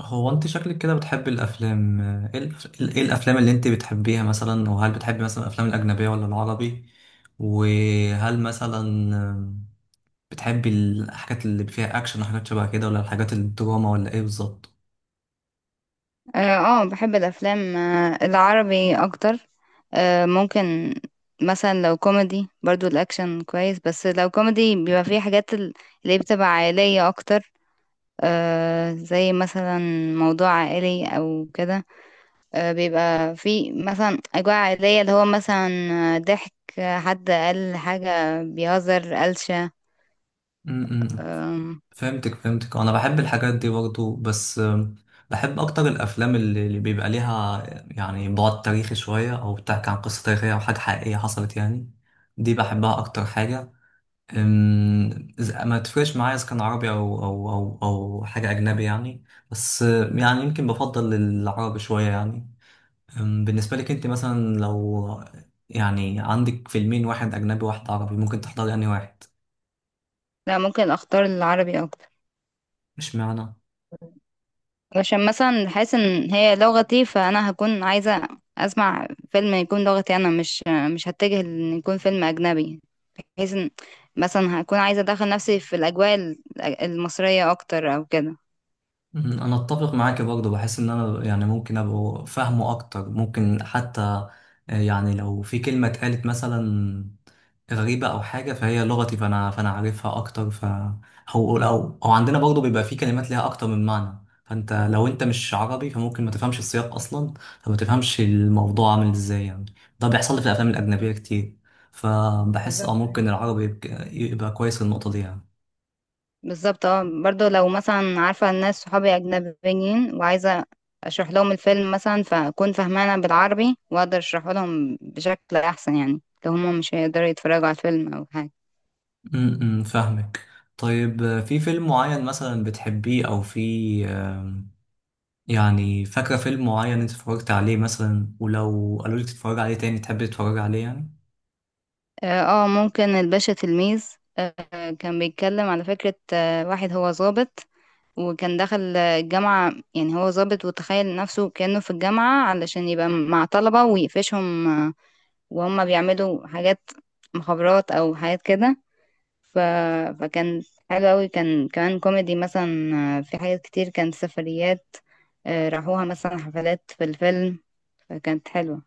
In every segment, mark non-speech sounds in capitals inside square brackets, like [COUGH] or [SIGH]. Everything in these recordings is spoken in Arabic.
هو انت شكلك كده بتحب الافلام ايه الأف- إيه الافلام اللي انت بتحبيها مثلا، وهل بتحبي مثلا الافلام الاجنبيه ولا العربي؟ وهل مثلا بتحبي الحاجات اللي فيها اكشن وحاجات شبه كده، ولا الحاجات الدراما ولا ايه بالظبط؟ اه، بحب الافلام العربي اكتر. ممكن مثلا لو كوميدي، برضو الاكشن كويس، بس لو كوميدي بيبقى فيه حاجات اللي بتبقى عائلية اكتر. زي مثلا موضوع عائلي او كده. بيبقى فيه مثلا اجواء عائلية، اللي هو مثلا ضحك، حد قال حاجة بيهزر، قلشة. م- م. آم، فهمتك. انا بحب الحاجات دي برضو، بس بحب اكتر الافلام اللي بيبقى ليها يعني بعد تاريخي شويه، او بتحكي عن قصه تاريخيه او حاجه حقيقيه حصلت يعني. دي بحبها اكتر حاجه. أم، ما تفرقش معايا اذا كان عربي او حاجه اجنبي يعني. بس يعني يمكن بفضل العربي شويه يعني. بالنسبه لك انت مثلا لو يعني عندك فيلمين، واحد اجنبي واحد عربي، ممكن تحضري انهي واحد؟ لا، ممكن اختار العربي، مش معنى. علشان مثلا حاسس ان هي لغتي، فانا هكون عايزة اسمع فيلم يكون لغتي انا، مش مش هتجه ان يكون فيلم اجنبي، بحيث ان مثلا هكون عايزة ادخل نفسي في الاجواء المصرية اكتر او كده. مم، انا اتفق معاك برضه. بحس ان انا يعني ممكن ابقى فاهمه اكتر، ممكن حتى يعني لو في كلمه اتقالت مثلا غريبه او حاجه فهي لغتي، فانا عارفها اكتر، ف او او أو عندنا برضه بيبقى في كلمات ليها اكتر من معنى. فانت لو انت مش عربي فممكن ما تفهمش السياق اصلا، فما تفهمش الموضوع عامل ازاي يعني. ده بيحصل لي في الافلام الاجنبيه كتير، فبحس اه بالظبط. ممكن العربي يبقى كويس في النقطه دي يعني. بالظبط، اه، برضو لو مثلا عارفة الناس صحابي أجنبيين، وعايزة أشرح لهم الفيلم مثلا، فأكون فاهمانة بالعربي وأقدر أشرحه لهم بشكل أحسن، يعني لو هما مش هيقدروا يتفرجوا على الفيلم أو حاجة. امم، فاهمك. طيب، في فيلم معين مثلا بتحبيه، او في يعني فاكرة فيلم معين انت اتفرجت عليه مثلا، ولو قالوا لك تتفرج عليه تاني تحب تتفرج عليه يعني؟ اه، ممكن الباشا تلميذ. آه، كان بيتكلم على فكرة، آه، واحد هو ضابط، وكان دخل الجامعة، يعني هو ضابط وتخيل نفسه كأنه في الجامعة علشان يبقى مع طلبة ويقفشهم، آه، وهم بيعملوا حاجات مخابرات أو حاجات كده. ف... فكان حلو أوي، كان كمان كوميدي. مثلا في حاجات كتير، كانت سفريات، آه، راحوها مثلا حفلات في الفيلم، فكانت حلوة.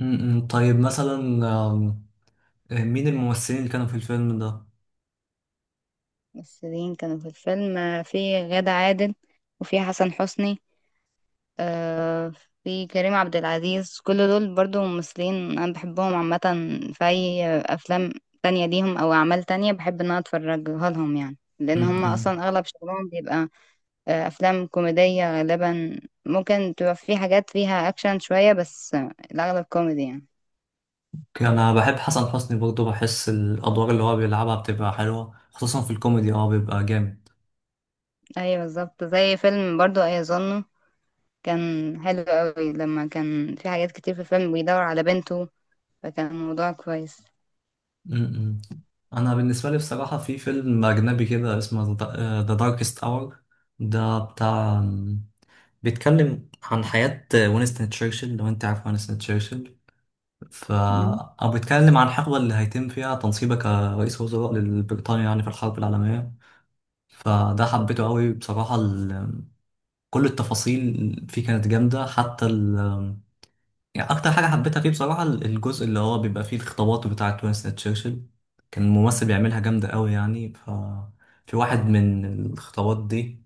امم، طيب مثلا، آم، آه، مين الممثلين اللي كانوا في الفيلم ده؟ الممثلين كانوا في الفيلم، آه، في غادة عادل، وفي حسن حسني، آه، في كريم عبد العزيز، كل دول برضو ممثلين أنا بحبهم عامة. في أي أفلام تانية ليهم أو أعمال تانية بحب إن أنا أتفرجها لهم، يعني لأن هم امم، أصلا أغلب شغلهم بيبقى أفلام كوميدية غالبا. ممكن تبقى في حاجات فيها أكشن شوية، بس الأغلب كوميدي يعني. انا بحب حسن حسني برضه. بحس الادوار اللي هو بيلعبها بتبقى حلوة، خصوصا في الكوميدي اه بيبقى جامد. أيوة بالظبط، زي فيلم برضو أيظنه كان حلو قوي، لما كان في حاجات كتير في الفيلم بيدور على بنته، فكان الموضوع كويس. م-م. انا بالنسبه لي بصراحه في فيلم اجنبي كده اسمه ذا داركست اور. ده بتاع، بيتكلم عن حياه وينستون تشرشل، لو انت عارف وينستون تشرشل، ف او بيتكلم عن الحقبه اللي هيتم فيها تنصيبه كرئيس وزراء لبريطانيا يعني في الحرب العالميه. فده حبيته قوي بصراحه. ال... كل التفاصيل فيه كانت جامده حتى. يعني اكتر حاجه حبيتها فيه بصراحه الجزء اللي هو بيبقى فيه الخطابات بتاعه وينستون تشرشل. كان ممثل بيعملها جامده قوي يعني. ف في واحد من الخطابات دي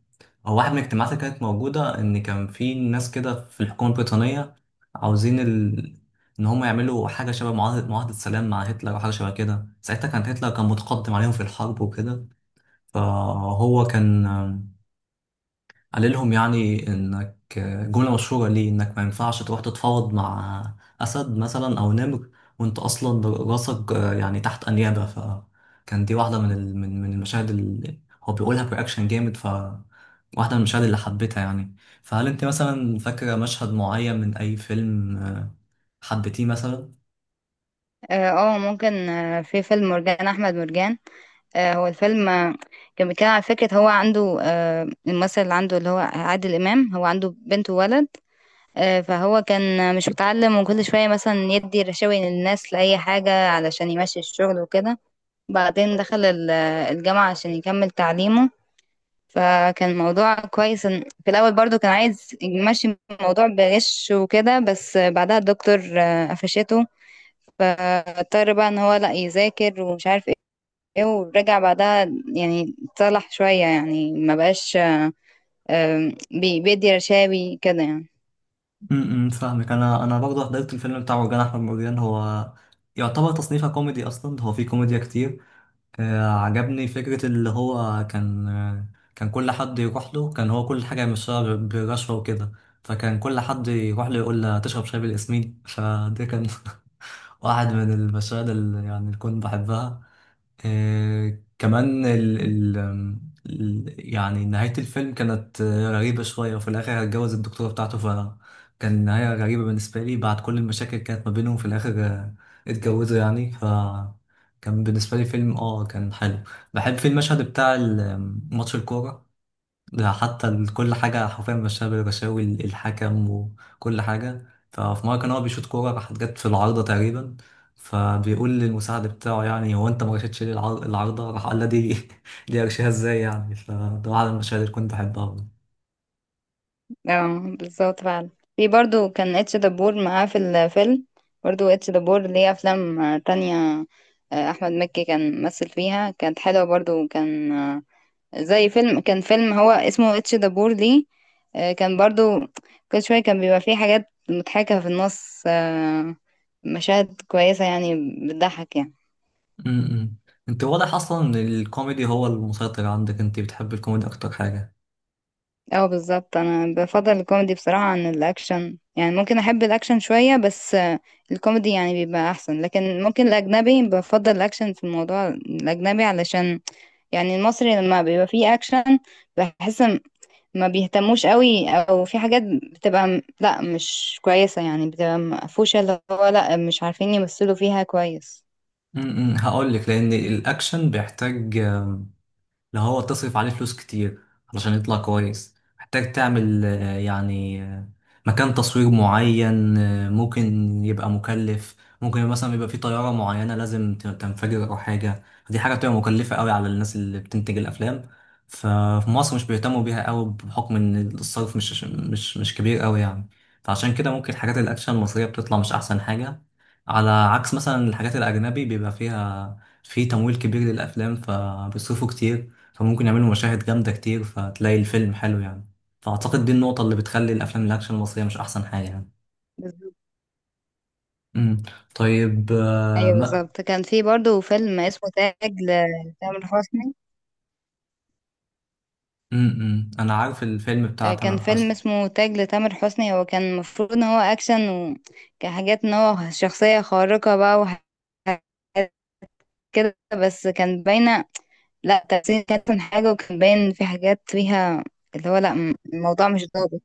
او واحد من الاجتماعات اللي كانت موجوده، ان كان في ناس كده في الحكومه البريطانيه عاوزين ال... ان هم يعملوا حاجه شبه معاهده سلام مع هتلر او حاجه شبه كده. ساعتها كان هتلر كان متقدم عليهم في الحرب وكده. فهو كان قال لهم يعني انك، جملة مشهورة ليه، انك ما ينفعش تروح تتفاوض مع اسد مثلا او نمر وانت اصلا راسك يعني تحت انيابة. فكان دي واحدة من ال- من من المشاهد اللي هو بيقولها برياكشن جامد، ف واحدة من المشاهد اللي حبيتها يعني. فهل انت مثلا فاكرة مشهد معين من اي فيلم حبيتيه مثلا؟ اه، ممكن، في فيلم مرجان احمد مرجان. هو الفيلم، كان بيتكلم على فكرة، هو عنده، آه، الممثل اللي عنده اللي هو عادل امام، هو عنده بنت وولد. آه، فهو كان مش متعلم، وكل شوية مثلا يدي رشاوي للناس لأي حاجة علشان يمشي الشغل وكده. بعدين دخل الجامعة عشان يكمل تعليمه، فكان الموضوع كويس. في الأول برضو كان عايز يمشي الموضوع بغش وكده، بس بعدها الدكتور، آه، قفشته، فاضطر بقى ان هو لا يذاكر، ومش عارف ايه، ورجع بعدها، يعني اتصلح شوية، يعني ما بقاش بيدي رشاوي كده يعني. امم، فاهمك. انا برضه حضرت الفيلم بتاع مرجان احمد مرجان. هو يعتبر تصنيفه كوميدي اصلا، هو فيه كوميديا كتير. عجبني فكرة اللي هو كان كان كل حد يروح له كان هو كل حاجة مش بالرشوة وكده. فكان كل حد يروح له يقول له تشرب شاي بالياسمين، فده كان [LAUGHS] واحد من المشاهد اللي يعني اللي كنت بحبها. كمان يعني نهاية الفيلم كانت غريبة شوية. وفي الآخر هتجوز الدكتورة بتاعته، فكان نهاية غريبة بالنسبة لي. بعد كل المشاكل كانت ما بينهم في الآخر اتجوزوا يعني. فكان بالنسبة لي فيلم اه كان حلو. بحب في المشهد بتاع ال- آم، ماتش الكورة ده، حتى كل حاجة حرفيا مشاها بالرشاوي، الحكم وكل حاجة. ففي مرة كان هو بيشوط كورة راحت جت في العارضة تقريبا، فبيقول للمساعد بتاعه يعني هو انت ما رشيتش ليه العارضة، راح قال له دي [LAUGHS] دي ارشيها ازاي يعني. فده واحد من المشاهد اللي كنت بحبها أوي. اه بالظبط فعلا. في برضو كان اتش دبور معاه في الفيلم. برضو اتش دبور ليه افلام تانية. آه، احمد مكي كان ممثل فيها، كانت حلوة برضو، كان، آه، زي فيلم، كان فيلم هو اسمه اتش دبور دي، آه، كان برضو كل شوية كان بيبقى فيه حاجات مضحكة في النص، آه، مشاهد كويسة يعني، بتضحك يعني. امم، انت واضح اصلا ان الكوميدي هو المسيطر عندك، انت بتحب الكوميدي اكتر حاجة. اه بالظبط، انا بفضل الكوميدي بصراحة عن الاكشن، يعني ممكن احب الاكشن شوية، بس الكوميدي يعني بيبقى احسن. لكن ممكن الاجنبي بفضل الاكشن في الموضوع الاجنبي، علشان يعني المصري لما بيبقى فيه اكشن بحس ما بيهتموش قوي، او في حاجات بتبقى لا مش كويسة يعني، بتبقى مقفوشة، اللي هو لا مش عارفين يمثلوا فيها كويس. امم، هقول لك، لان الاكشن بيحتاج لو هو تصرف عليه فلوس كتير علشان يطلع كويس. محتاج تعمل مكان تصوير معين ممكن يبقى مكلف. ممكن مثلا يبقى في طيارة معينة لازم تنفجر أو حاجة. دي حاجة بتبقى مكلفة قوي على الناس اللي بتنتج الأفلام. ففي مصر مش بيهتموا بيها قوي، بحكم إن الصرف مش كبير قوي يعني. فعشان كده ممكن حاجات الأكشن المصرية بتطلع مش أحسن حاجة. على عكس مثلا الحاجات الأجنبي بيبقى فيها في تمويل كبير للأفلام، فبيصرفوا كتير، فممكن يعملوا مشاهد جامدة كتير، فتلاقي الفيلم حلو يعني. فأعتقد دي النقطة اللي بتخلي الأفلام الأكشن المصرية مش أحسن حاجة يعني. بالظبط. امم، طيب آه، ايوه ما بالظبط، كان في برضو فيلم اسمه تاج لتامر حسني. امم، أنا عارف الفيلم بتاع آه، كان تامر فيلم حسني. اسمه تاج لتامر حسني، هو كان المفروض ان هو اكشن، وكحاجات ان هو شخصية خارقة بقى وحاجات كده، بس كان باينة لا، تمثيل كانت أحسن حاجة، وكان باين في حاجات فيها اللي هو لا الموضوع مش ضابط.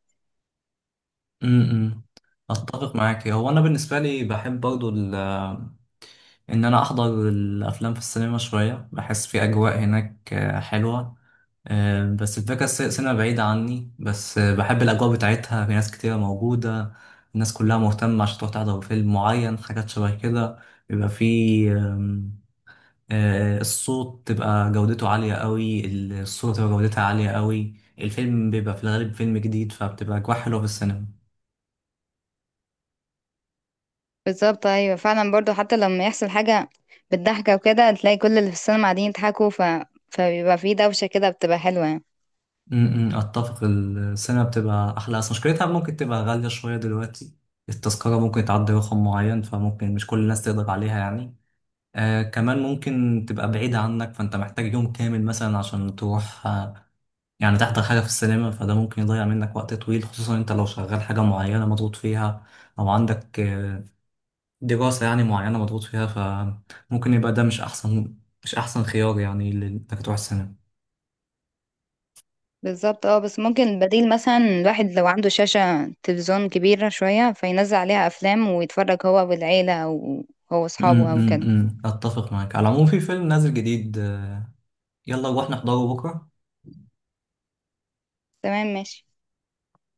امم، أتفق معاك. هو أنا بالنسبة لي بحب برضو إن أنا أحضر الأفلام في السينما شوية. بحس في أجواء هناك حلوة. بس الفكرة سينما بعيدة عني، بس بحب الأجواء بتاعتها. في ناس كتيرة موجودة، الناس كلها مهتمة عشان تروح تحضر فيلم معين، حاجات شبه كده. بيبقى فيه آم، آه، الصوت تبقى جودته عالية قوي، الصورة تبقى جودتها عالية قوي، الفيلم بيبقى في الغالب فيلم جديد، فبتبقى أجواء حلوة في السينما. بالظبط ايوه فعلا، برضو حتى لما يحصل حاجه بالضحكه وكده، تلاقي كل اللي في السينما قاعدين يضحكوا، فبيبقى في دوشه كده، بتبقى حلوه يعني. م- م، أتفق. السينما بتبقى أحلى، بس مشكلتها ممكن تبقى غالية شوية دلوقتي. التذكرة ممكن تعدي رقم معين، فممكن مش كل الناس تقدر عليها يعني. آه كمان ممكن تبقى بعيدة عنك، فأنت محتاج يوم كامل مثلا عشان تروح آه يعني تحضر حاجة في السينما. فده ممكن يضيع منك وقت طويل، خصوصا أنت لو شغال حاجة معينة مضغوط فيها أو عندك آه دراسة يعني معينة مضغوط فيها. فممكن يبقى ده مش أحسن خيار يعني إنك تروح السينما. بالظبط اه، بس ممكن البديل مثلا الواحد لو عنده شاشه تلفزيون كبيره شويه، فينزل عليها افلام ويتفرج هو والعيله، او هو أمم، اصحابه او أمم، كده. أمم. أتفق معاك. على العموم في فيلم نازل جديد يلا نروح نحضره بكرة. تمام، ماشي.